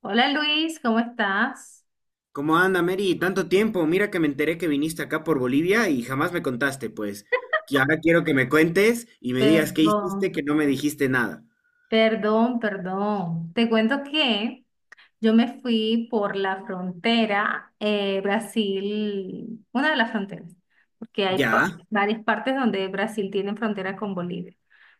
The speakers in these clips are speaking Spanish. Hola Luis, ¿cómo estás? ¿Cómo anda, Mary? Tanto tiempo. Mira que me enteré que viniste acá por Bolivia y jamás me contaste, pues. Y ahora quiero que me cuentes y me digas qué hiciste Perdón, que no me dijiste nada. perdón, perdón. Te cuento que yo me fui por la frontera Brasil, una de las fronteras, porque hay Ya, varias partes donde Brasil tiene frontera con Bolivia.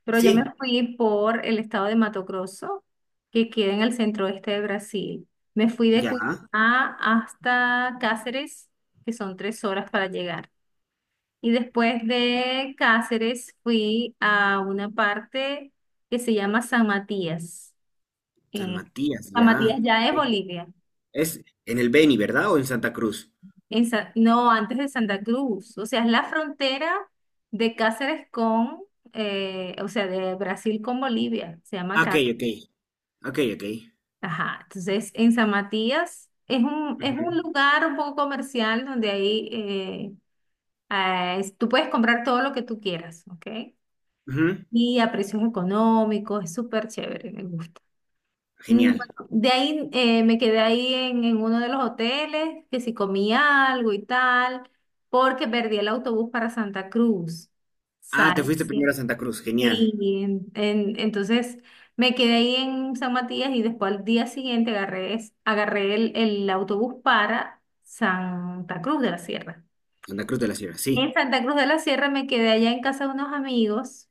Pero yo me sí, fui por el estado de Mato Grosso, que queda en el centro oeste de Brasil. Me fui de ya. Cuiabá hasta Cáceres, que son 3 horas para llegar. Y después de Cáceres fui a una parte que se llama San Matías. San Eh, Matías, San Matías ya. ya es Bolivia. Es en el Beni, ¿verdad? ¿O en Santa Cruz? No, antes de Santa Cruz. O sea, es la frontera de Cáceres con, o sea, de Brasil con Bolivia. Se llama Ah, Ok, acá. ok. Ok, ok. Ajá. Entonces, en San Matías es un Ujú, lugar un poco comercial donde ahí tú puedes comprar todo lo que tú quieras, ¿ok? ujú. Y a precios económicos, es súper chévere, me gusta. Genial. Bueno, de ahí me quedé ahí en uno de los hoteles, que si comí algo y tal, porque perdí el autobús para Santa Cruz. Ah, te Sale. fuiste primero a Santa Cruz. Genial. Sí, entonces me quedé ahí en San Matías y después al día siguiente agarré el autobús para Santa Cruz de la Sierra. Santa Cruz de la Sierra, En sí. Santa Cruz de la Sierra me quedé allá en casa de unos amigos,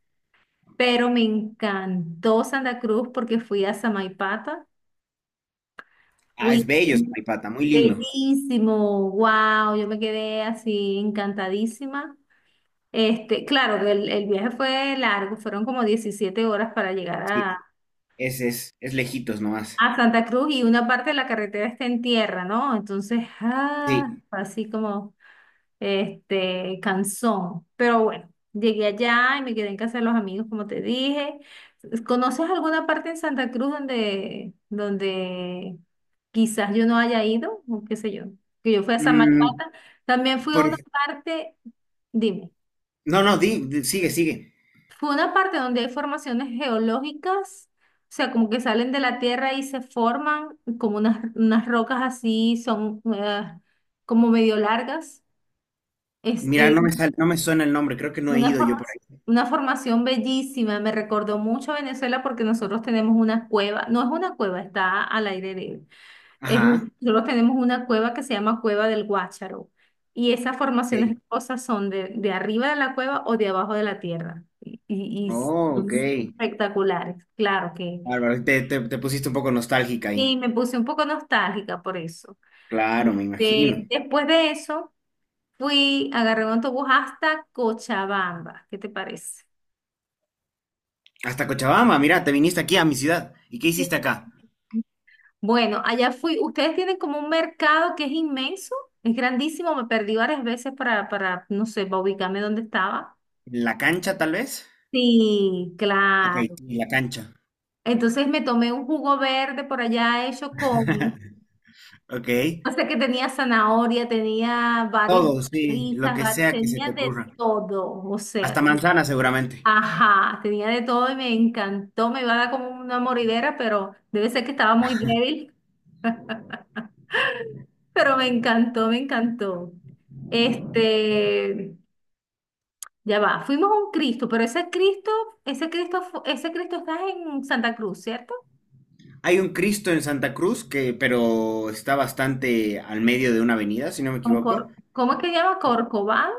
pero me encantó Santa Cruz porque fui a Samaipata. Ah, Uy, es bello, Pata, muy lindo. bellísimo, wow, yo me quedé así encantadísima. Claro, el viaje fue largo, fueron como 17 horas para llegar a, Sí, es lejitos nomás. a Santa Cruz, y una parte de la carretera está en tierra, ¿no? Entonces, Sí. fue así como Canzón. Pero bueno, llegué allá y me quedé en casa de los amigos, como te dije. ¿Conoces alguna parte en Santa Cruz donde quizás yo no haya ido? O qué sé yo. Que yo fui a Mm, Samaipata. También fui a por una parte, dime, No, no, sigue, sigue. fue una parte donde hay formaciones geológicas. O sea, como que salen de la tierra y se forman como unas rocas así, son como medio largas. Es, Mira, eh, no me suena el nombre, creo que no he Una ido yo forma- por ahí. una formación bellísima, me recordó mucho a Venezuela porque nosotros tenemos una cueva, no es una cueva, está al aire libre. Es, Ajá, Nosotros tenemos una cueva que se llama Cueva del Guácharo, y esas ok. formaciones rocosas son de arriba de la cueva o de abajo de la tierra, y Oh, ok. son espectaculares, claro que. Bárbaro, te pusiste un poco nostálgica Y ahí. me puse un poco nostálgica por eso. Claro, me imagino. Después de eso, agarré un autobús hasta Cochabamba, ¿qué te parece? Hasta Cochabamba, mira, te viniste aquí a mi ciudad. ¿Y qué Sí. hiciste acá? Bueno, allá fui. Ustedes tienen como un mercado que es inmenso, es grandísimo. Me perdí varias veces para, no sé, para ubicarme dónde estaba. ¿La cancha, tal vez? Sí, Ok, claro. sí, la cancha. Entonces me tomé un jugo verde por allá hecho con, Ok. o sea, que tenía zanahoria, tenía varias Todo, sí, lo lisas, que sea que se tenía te de ocurra. todo, o Hasta sea, manzana, seguramente. ajá, tenía de todo y me encantó. Me iba a dar como una moridera, pero debe ser que estaba muy débil, pero me encantó, me encantó. Este. Ya va, fuimos a un Cristo, pero ese Cristo está en Santa Cruz, ¿cierto? Hay un Cristo en Santa Cruz que, pero está bastante al medio de una avenida, si no me equivoco. ¿Cómo es que se llama? Corcovado.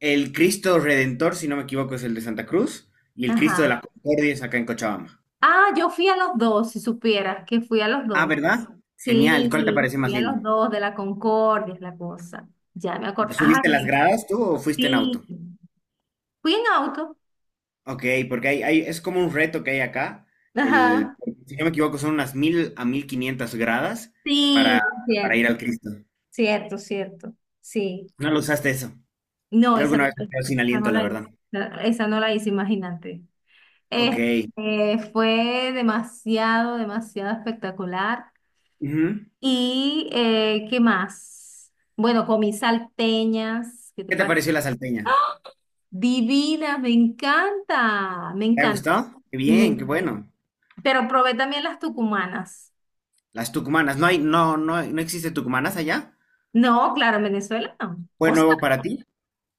El Cristo Redentor, si no me equivoco, es el de Santa Cruz. Y el Cristo de Ajá. la Concordia es acá en Cochabamba. Ah, yo fui a los dos, si supieras que fui a los Ah, dos. ¿verdad? Genial. ¿Cuál te Sí, parece más fui a lindo? los dos de la Concordia, es la cosa. Ya me acordé. Ay, ¿Subiste las gradas tú o fuiste en sí. auto? Fui en auto. Ok, porque es como un reto que hay acá. El, Ajá. si no me equivoco, son unas 1.000 a 1.500 gradas Sí, para, para ir cierto, al Cristo. cierto, cierto. Sí. No lo usaste eso. No, Yo esa alguna no vez me quedé sin Esa no aliento, la la verdad. hice, esa no la hice, imagínate. Ok. Este, Fue demasiado, demasiado espectacular. Ujú. ¿Y qué más? Bueno, comí salteñas, ¿qué te ¿Qué te parece? pareció la salteña? Divinas, me encanta, me ¿Te ha encanta, gustado? Qué me bien, qué encanta. bueno. Pero probé también las tucumanas. Las tucumanas. ¿No hay, no, no, no existe tucumanas allá? No, claro, en Venezuela no. ¿Fue nuevo para ti?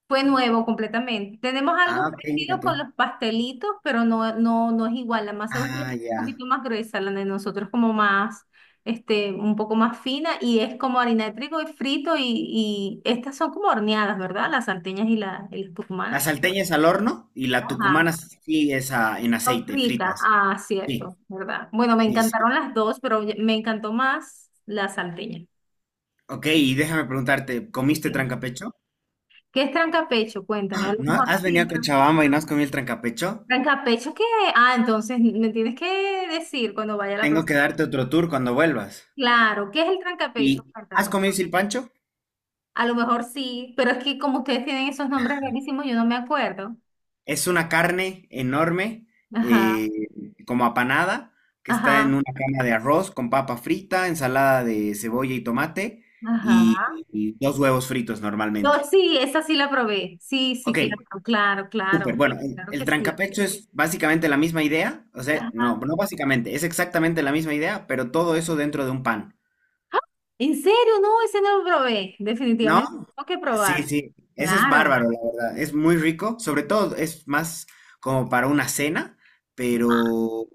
Fue nuevo completamente. Tenemos algo Ah, ok, mira parecido tú. con los pastelitos, pero no, no, no es igual. La masa de ustedes Ah, es un ya. poquito más gruesa, la de nosotros como más, un poco más fina, y es como harina de trigo y frito, y, estas son como horneadas, ¿verdad? Las salteñas y las La tucumanas. salteña es al horno y la tucumana Ajá, sí es en son aceite, fritas. fritas. Ah, Sí, cierto, ¿verdad? Bueno, me sí, sí. encantaron las dos, pero me encantó más la salteña. Ok, y déjame preguntarte, ¿comiste Bien. trancapecho? ¿Qué es trancapecho? Cuéntame, a ¡Ah! lo ¿No mejor has venido a sí. Cochabamba y no has comido el trancapecho? Trancapecho, ¿qué? Ah, entonces me tienes que decir cuando vaya la Tengo que próxima. darte otro tour cuando vuelvas. Claro, ¿qué es el trancapecho? ¿Y has Cuéntame. comido silpancho? A lo mejor sí, pero es que como ustedes tienen esos nombres rarísimos, yo no me acuerdo. Es una carne enorme, eh, Ajá, como apanada, que está en ajá, una cama de arroz con papa frita, ensalada de cebolla y tomate y, ajá. y dos huevos fritos normalmente. No, sí, esa sí la probé. Sí, sí, Ok, claro, claro, súper. claro. Bueno, el, Claro el que sí. trancapecho es básicamente la misma idea. O sea, no, Ajá. no básicamente, es exactamente la misma idea, pero todo eso dentro de un pan. ¡Ah! ¿En serio? No, ese no lo probé. ¿No? Definitivamente tengo que Sí, probar. sí, ese es Claro. bárbaro, la verdad. Es muy rico, sobre todo es más como para una cena, pero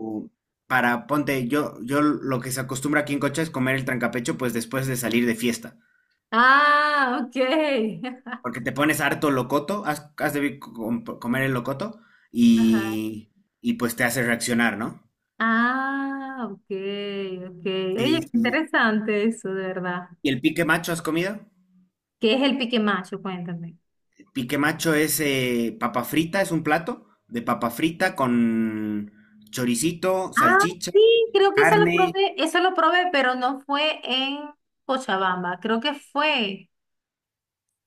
para, ponte, yo lo que se acostumbra aquí en Cocha es comer el trancapecho pues después de salir de fiesta, Ah, ok. porque te pones harto locoto, has de comer el locoto Ajá. y, y pues te hace reaccionar, ¿no? Ah, ok, ok. Oye, Sí, qué sí. interesante eso, de verdad. ¿Y el pique macho has comido? ¿Qué es el pique macho? Cuéntame. Pique macho es papa frita, es un plato de papa frita con choricito, Ah, salchicha sí, creo que carne, eso lo probé, pero no fue en Cochabamba, creo que fue,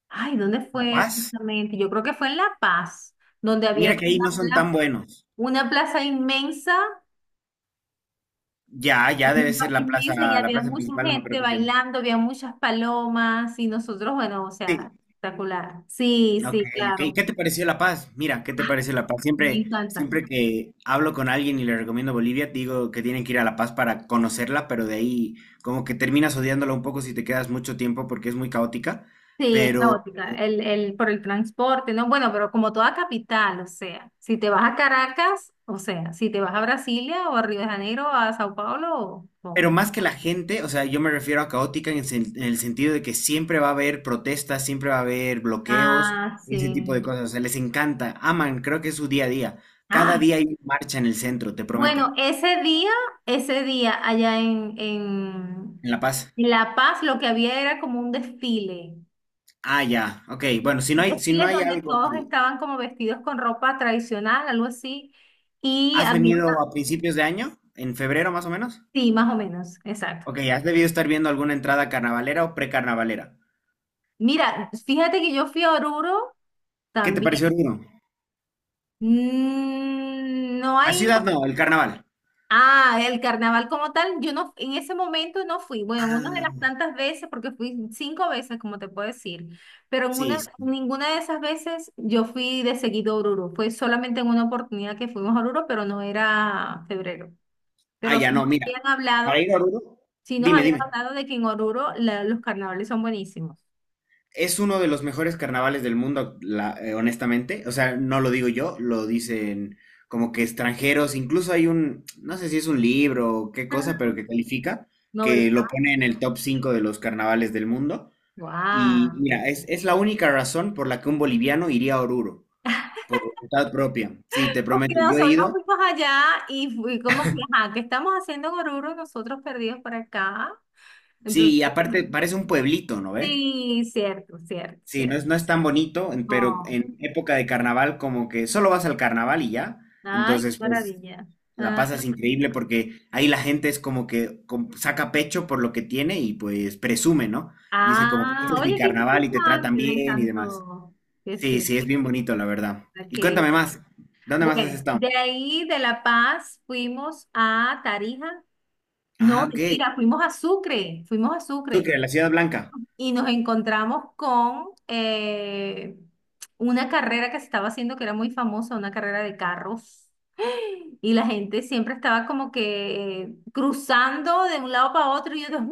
ay, ¿dónde La fue Paz. exactamente? Yo creo que fue en La Paz, donde había Mira que como ahí no son tan buenos. una plaza inmensa, Ya, ya debe una ser plaza la inmensa y plaza, la había plaza mucha principal, no me acuerdo gente que se llama. bailando, había muchas palomas y nosotros, bueno, o sea, Sí. espectacular. Sí, Ok, sí, ok. ¿Qué claro, te pareció La Paz? Mira, ¿qué te pareció La Paz? me Siempre, encanta. siempre que hablo con alguien y le recomiendo Bolivia, digo que tienen que ir a La Paz para conocerla, pero de ahí como que terminas odiándola un poco si te quedas mucho tiempo porque es muy caótica. Sí, es Pero caótica, por el transporte, ¿no? Bueno, pero como toda capital, o sea, si te vas a Caracas, o sea, si te vas a Brasilia, o a Río de Janeiro, a Sao Paulo, Pero o... más que la gente, o sea, yo me refiero a caótica en el sentido de que siempre va a haber protestas, siempre va a haber bloqueos, Ah, ese tipo de sí. cosas. O sea, les encanta, aman, creo que es su día a día. Cada Ah, día hay una marcha en el centro, te prometo, bueno, ese día allá en, en en La Paz. en La Paz, lo que había era como Ah, ya, ok. Bueno, si no un hay, si no desfile hay donde algo todos que... estaban como vestidos con ropa tradicional, algo así, y ¿Has había, venido a principios de año? ¿En febrero más o menos? sí, más o menos, exacto. Ok, has debido estar viendo alguna entrada carnavalera o precarnavalera. Mira, fíjate que yo fui a Oruro ¿Qué te pareció también. Oruro? No La hay. ciudad no, el carnaval. Ah, el carnaval como tal, yo no, en ese momento no fui. Bueno, en una de Ah, las tantas veces, porque fui 5 veces, como te puedo decir, pero sí. Sí. ninguna de esas veces yo fui de seguido a Oruro. Fue solamente en una oportunidad que fuimos a Oruro, pero no era febrero. Ah, Pero ya, sí no, nos mira, habían para hablado, ir a Oruro, sí nos dime, habían dime. hablado de que en Oruro los carnavales son buenísimos. Es uno de los mejores carnavales del mundo, honestamente. O sea, no lo digo yo, lo dicen como que extranjeros. Incluso hay un, no sé si es un libro o qué Ajá. cosa, pero que califica, Nobel que lo Paz. pone en el top 5 de los carnavales del mundo. Y ¡Wow! mira, es la única razón por la que un boliviano iría a Oruro, por voluntad propia. Sí, te Porque prometo, yo he nosotros ido. fuimos allá y fui como que, ajá, ¿qué estamos haciendo Goruro nosotros perdidos por acá? Sí, Entonces, y aparte parece un pueblito, ¿no ve? sí, cierto, cierto, Sí, no cierto. es, no es tan bonito, pero No. en época de carnaval como que solo vas al carnaval y ya. Ay, qué Entonces, pues maravilla. la Ah, pasas increíble porque ahí la gente es como que saca pecho por lo que tiene y pues presume, ¿no? Dice como que ah, este es mi oye, qué carnaval y te tratan interesante, me bien y demás. encantó. Qué Sí, fin. sí, es bien bonito, la verdad. Y qué- cuéntame más, ¿dónde más has Bueno, estado? de ahí de La Paz fuimos a Tarija. Ah, No, ok. mentira, fuimos a Sucre, fuimos a Sucre, Sucre. la Ciudad Blanca. Y nos encontramos con una carrera que se estaba haciendo que era muy famosa, una carrera de carros. Y la gente siempre estaba como que cruzando de un lado para otro. Y yo, Dios mío,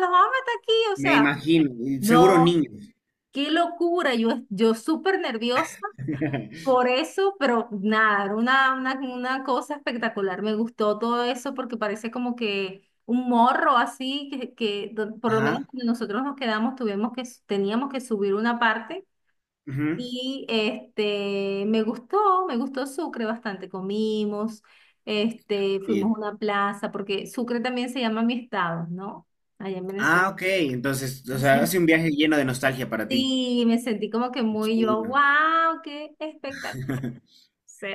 los vamos a meter aquí. O Me sea, imagino, y seguro no, niños. qué locura. Yo súper nerviosa. Por eso, pero nada, era una cosa espectacular. Me gustó todo eso porque parece como que un morro así, por lo menos Ajá. cuando nosotros nos quedamos, teníamos que subir una parte. Ujú. Y me gustó Sucre bastante. Fuimos Bien. a una plaza, porque Sucre también se llama mi estado, ¿no? Allá en Venezuela. Ah, ok. Entonces, o sea, Entonces, hace un viaje lleno de nostalgia para ti. sí, me sentí como que muy yo, Imagino. wow, qué espectacular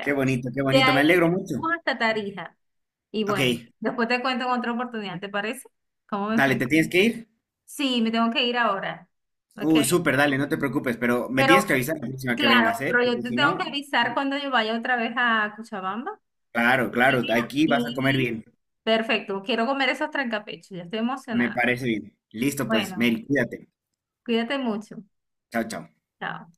Qué bonito, qué de bonito. Me ahí alegro mucho. fuimos hasta Tarija. Y bueno, Ok, después te cuento en otra oportunidad, ¿te parece? ¿Cómo me dale, fue? ¿te tienes que ir? Sí, me tengo que ir ahora. ¿Ok? Uy, súper, dale, no te preocupes, pero me tienes Pero, que avisar la próxima que claro, vengas, ¿eh? pero yo Porque te si tengo no, que avisar cuando yo vaya otra vez a Cochabamba. claro, Y, claro, mira, aquí vas a comer bien. perfecto, quiero comer esos trancapechos, ya estoy Me emocionada. parece bien. Listo, pues, Bueno, Mary, cuídate. cuídate mucho. Chao, chao. Chao.